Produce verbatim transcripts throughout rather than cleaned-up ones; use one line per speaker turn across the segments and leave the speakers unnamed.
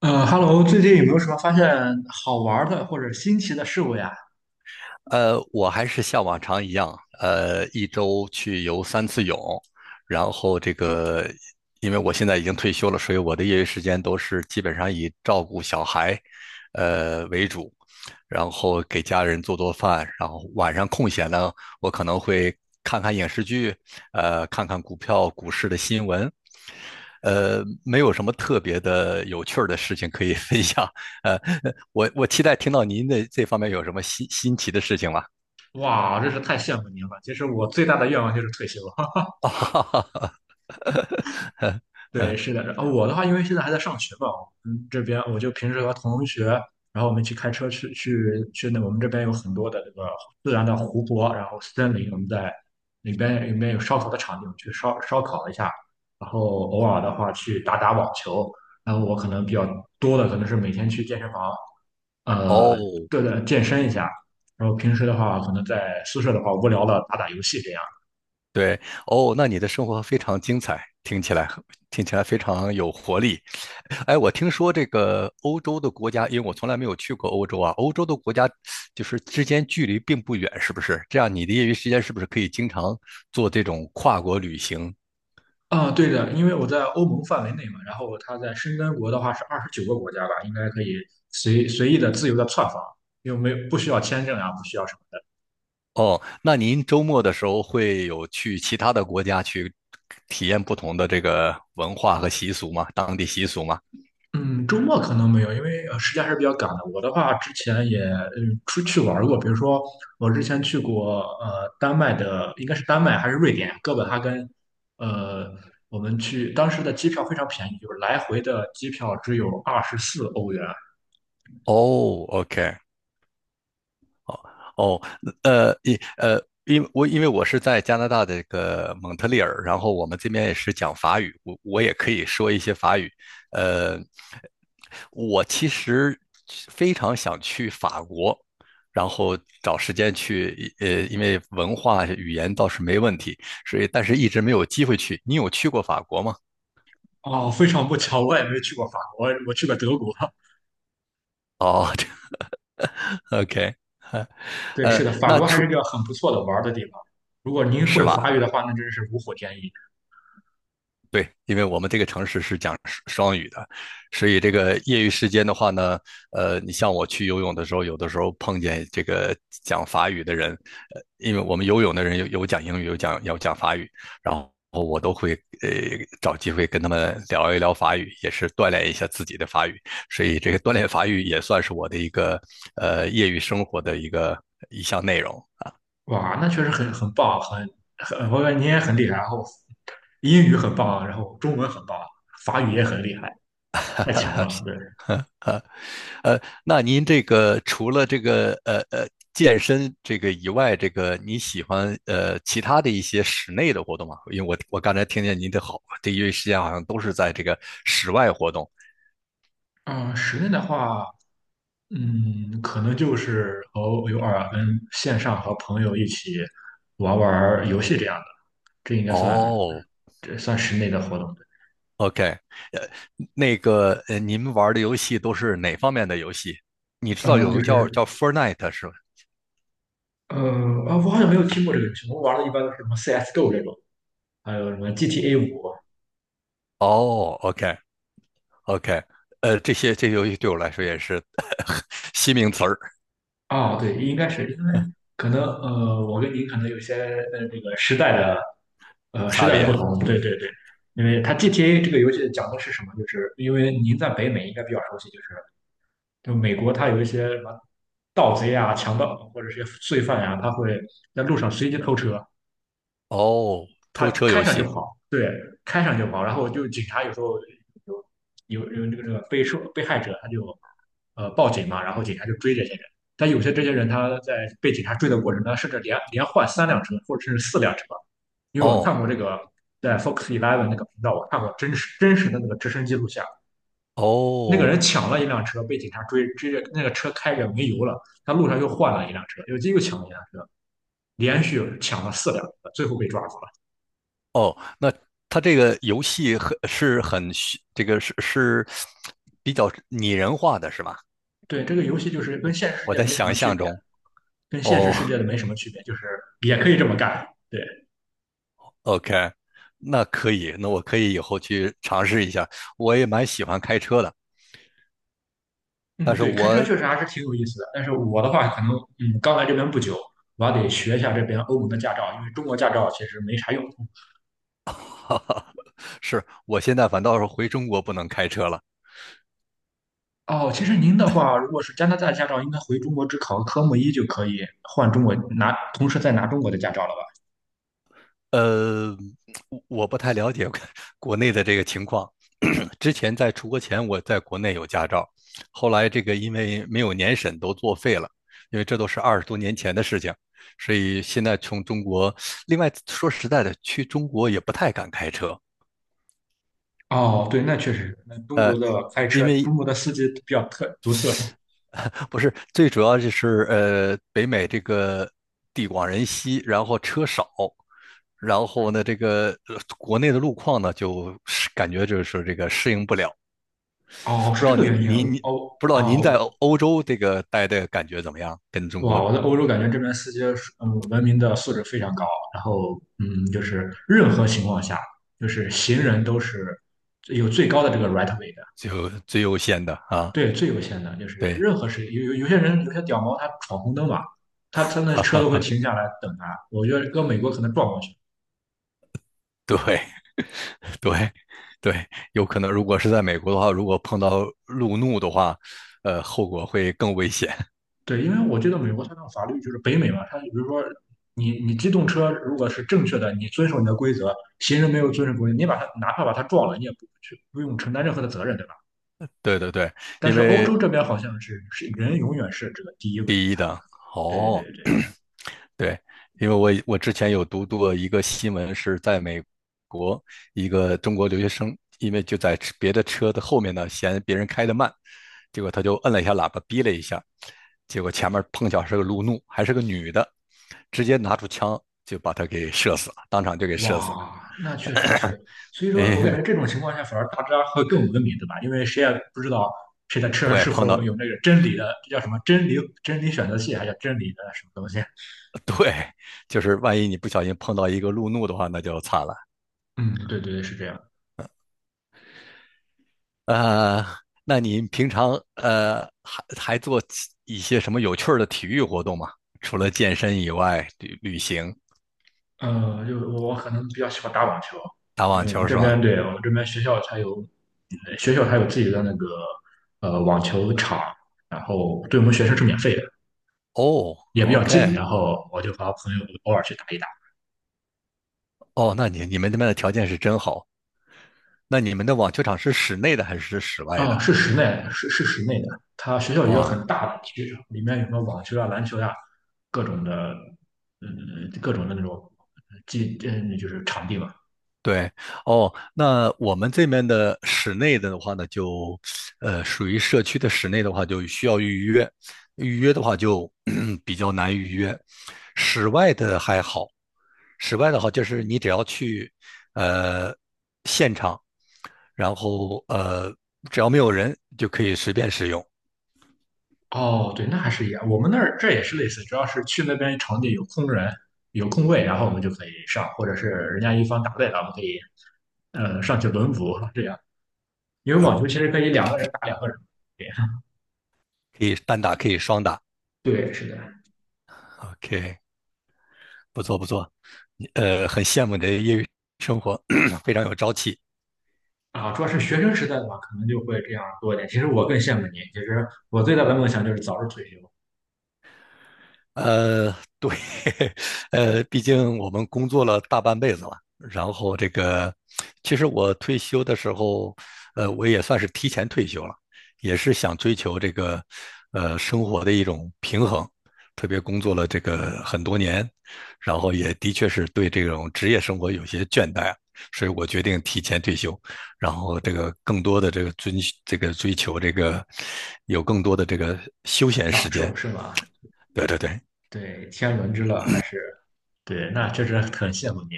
呃，Hello，最近有没有什么发现好玩儿的或者新奇的事物呀？
呃，我还是像往常一样，呃，一周去游三次泳，然后这个，因为我现在已经退休了，所以我的业余时间都是基本上以照顾小孩，呃为主，然后给家人做做饭，然后晚上空闲呢，我可能会看看影视剧，呃，看看股票、股市的新闻，呃，没有什么特别的有趣儿的事情可以 分享，呃，我我期待听到您的这方面有什么新新奇的事情吗？
哇，真是太羡慕您了。其实我最大的愿望就是退休。
啊哈哈哈。
对，
嗯。
是的，然后我的话，因为现在还在上学嘛。嗯，这边我就平时和同学，然后我们去开车去去去那我们这边有很多的这个自然的湖泊，然后森林，我们在里边里面有烧烤的场景，我们去烧烧烤一下，然后偶尔的话去打打网球。然后我可能比较多的可能是每天去健身房。呃，
哦。
对的，健身一下。然后平时的话，可能在宿舍的话，无聊了打打游戏这样。
对。哦，那你的生活非常精彩，听起来听起来非常有活力。哎，我听说这个欧洲的国家，因为我从来没有去过欧洲啊，欧洲的国家就是之间距离并不远，是不是？这样你的业余时间是不是可以经常做这种跨国旅行？
啊，对的，因为我在欧盟范围内嘛，然后它在申根国的话是二十九个国家吧，应该可以随随意的、自由的窜访，又没有不需要签证啊，不需要什么的。
哦，那您周末的时候会有去其他的国家去体验不同的这个文化和习俗吗？当地习俗吗？
嗯，周末可能没有，因为呃时间还是比较赶的。我的话，之前也嗯出去玩过，比如说我之前去过呃丹麦的，应该是丹麦还是瑞典哥本哈根。呃，我们去当时的机票非常便宜，就是来回的机票只有二十四欧元。
哦，OK。哦，呃，一呃，因为我因为我是在加拿大的这个蒙特利尔，然后我们这边也是讲法语，我我也可以说一些法语。呃，我其实非常想去法国，然后找时间去，呃，因为文化语言倒是没问题，所以但是一直没有机会去。你有去过法国吗？
哦，非常不巧，我也没去过法国，我去过德国。
哦 ，OK,这，OK。
对，是
呃，
的，法
那
国还
除
是一个很不错的玩儿的地方。如果您
是
会
吧？
法语的话，那真是如虎添翼。
对，因为我们这个城市是讲双语的，所以这个业余时间的话呢，呃，你像我去游泳的时候，有的时候碰见这个讲法语的人，呃，因为我们游泳的人有有讲英语，有讲有讲法语，然后我都会呃找机会跟他们聊一聊法语，也是锻炼一下自己的法语，所以这个锻炼法语也算是我的一个呃业余生活的一个一项内容。
哇，那确实很很棒，很很，我感觉你也很厉害，然后英语很棒，然后中文很棒，法语也很厉害，
哈
太
哈
强了，对。
哈。呃，那您这个除了这个呃呃健身这个以外，这个你喜欢呃其他的一些室内的活动吗？因为我我刚才听见您的好，这一时间好像都是在这个室外活动。
嗯，室内的话，嗯，可能就是和偶尔跟线上和朋友一起玩玩游戏这样的，这应该算
哦
这算室内的活动。
，OK。呃，那个呃，您玩的游戏都是哪方面的游戏？你知道
嗯、呃
有
就
个叫
是
叫 Fortnite 是吧？
呃啊，我好像没有听过这个游戏，我们玩的一般都是什么 C S:G O 这种，还有什么 G T A 五。
哦，OK OK。呃，这些这些游戏对我来说也是 新名词儿，
哦，对，应该是因为可能呃，我跟您可能有些呃这个时代的呃时
差
代的不
别。
同，对对对，因为它 G T A 这个游戏讲的是什么？就是因为您在北美应该比较熟悉，就是就美国它有一些什么盗贼啊、强盗或者是些罪犯呀、他会在路上随机偷车，
哦，
他
偷车
开
游
上就
戏。
跑，开上就跑，然后就警察有时候有有有这个这个被受被害者他就呃报警嘛，然后警察就追这些人。但有些这些人他在被警察追的过程中，甚至连连换三辆车或者甚至四辆车，因为我
哦
看过这个在 Fox Eleven 那个频道，我看过真实真实的那个直升机录像。那个人
哦
抢了一辆车被警察追追着那个车开着没油了，他路上又换了一辆车，又又抢了一辆车。连续抢了四辆，最后被抓住了。
哦，那他这个游戏很是很虚这个是是比较拟人化的是吧？
对，这个游戏就是跟现实世
我
界
在
没什么
想
区
象
别，
中。
跟现实
哦
世界的没什么区别，就是也可以这么干。对。
，OK,那可以，那我可以以后去尝试一下。我也蛮喜欢开车的，
嗯，
但是
对，开车
我
确实还是挺有意思的。但是我的话，可能嗯，刚来这边不久，我还得学一下这边欧盟的驾照，因为中国驾照其实没啥用。
哈哈，是我现在反倒是回中国不能开车了。
哦，其实您的话，如果是加拿大驾照，应该回中国只考个科目一就可以换中国拿，同时再拿中国的驾照了吧？
呃，我不太了解国 内的这个情况。之前在出国前，我在国内有驾照，后来这个因为没有年审都作废了，因为这都是二十多年前的事情，所以现在从中国，另外说实在的，去中国也不太敢开车，
哦，对，那确实，那中国的开
因
车，
为
中国的司机比较特独特。
不是最主要就是呃，北美这个地广人稀，然后车少，然后呢，这个呃国内的路况呢，就是感觉就是这个适应不了。
哦，
不
是
知
这
道
个
您
原因啊。
您您
哦
不知道您在
哦。
欧欧洲这个待的感觉怎么样？跟中
哇，
国
我在欧洲感觉这边司机是嗯文明的素质非常高，然后嗯，就是任何情况下，就是行人都是有最高的这个 right way 的，
就最优先的啊，
对，最优先的，就是
对，
任何事有有有些人有些屌毛他闯红灯嘛，他他那车都会 停下来等他，我觉得搁美国可能撞过去。
对对对，有可能如果是在美国的话，如果碰到路怒的话，呃，后果会更危险。
对，因为我觉得美国它那个法律就是北美嘛，它比如说你你机动车如果是正确的，你遵守你的规则，行人没有遵守规则，你把他哪怕把他撞了，你也不去不用承担任何的责任，对吧？
对对对，
但
因
是欧
为
洲这边好像是是人永远是这个第一位
第一
才
的
对对
哦。
对。
对，因为我我之前有读过一个新闻，是在美国一个中国留学生，因为就在车别的车的后面呢，嫌别人开的慢，结果他就摁了一下喇叭，逼了一下，结果前面碰巧是个路怒，还是个女的，直接拿出枪就把他给射死了，当场就给射死了。
哇，那确实是，所以 说我
哎，
感
没，
觉这种情况下反而大家会更文明，对吧？因为谁也不知道谁的车上
对，
是
碰
否
到
有那个真理的，这叫什么真理真理选择器，还叫真理的什么东西？
就是万一你不小心碰到一个路怒的话，那就惨了。
嗯，对对对，是这样。
呃，那你平常呃还还做其一些什么有趣儿的体育活动吗？除了健身以外，旅旅行、
呃，就我可能比较喜欢打网球，
打
因
网
为我们
球
这
是
边
吧？
对我们这边学校它有呃学校它有自己的那个呃网球场，然后对我们学生是免费的。
哦
也比较近，
，OK。
然后我就和朋友偶尔去打一打。
哦，那你你们那边的条件是真好。那你们的网球场是室内的还是室外
啊、
的？
是室内，是是室内的。他学校有一个
哇，
很大的体育场，里面有什么网球啊、篮球啊，各种的，嗯，各种的那种基，嗯，就是场地嘛。
对，哦，那我们这边的室内的话呢，就，呃，属于社区的室内的话，就需要预约，预约的话就 比较难预约，室外的还好，室外的话就是你只要去，呃，现场，然后呃，只要没有人就可以随便使用，
哦，对，那还是一样。我们那儿这也是类似，主要是去那边场地有空人、有空位，然后我们就可以上，或者是人家一方打累了，我们可以呃上去轮补这样。因为网球其实可以两个人打两个人。对，
可以单打，可以双打
对，是的。
，OK,不错不错，你呃，很羡慕你的业余生活，非常有朝气。
啊、主要是学生时代的话，可能就会这样多一点。其实我更羡慕你，其实我最大的梦想就是早日退休，
呃，对，呃，毕竟我们工作了大半辈子了，然后这个，其实我退休的时候，呃，我也算是提前退休了，也是想追求这个，呃，生活的一种平衡，特别工作了这个很多年，然后也的确是对这种职业生活有些倦怠，所以我决定提前退休，然后这个更多的这个追这个追求这个，有更多的这个休闲
享
时
受
间。
是吧？
对对对，
对，天伦之乐还是对，那确实很羡慕你。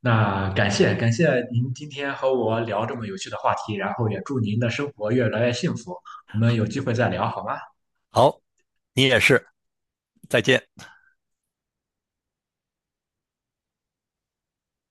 那感谢感谢您今天和我聊这么有趣的话题，然后也祝您的生活越来越幸福。我们有机会再聊好吗？
好，你也是，再见。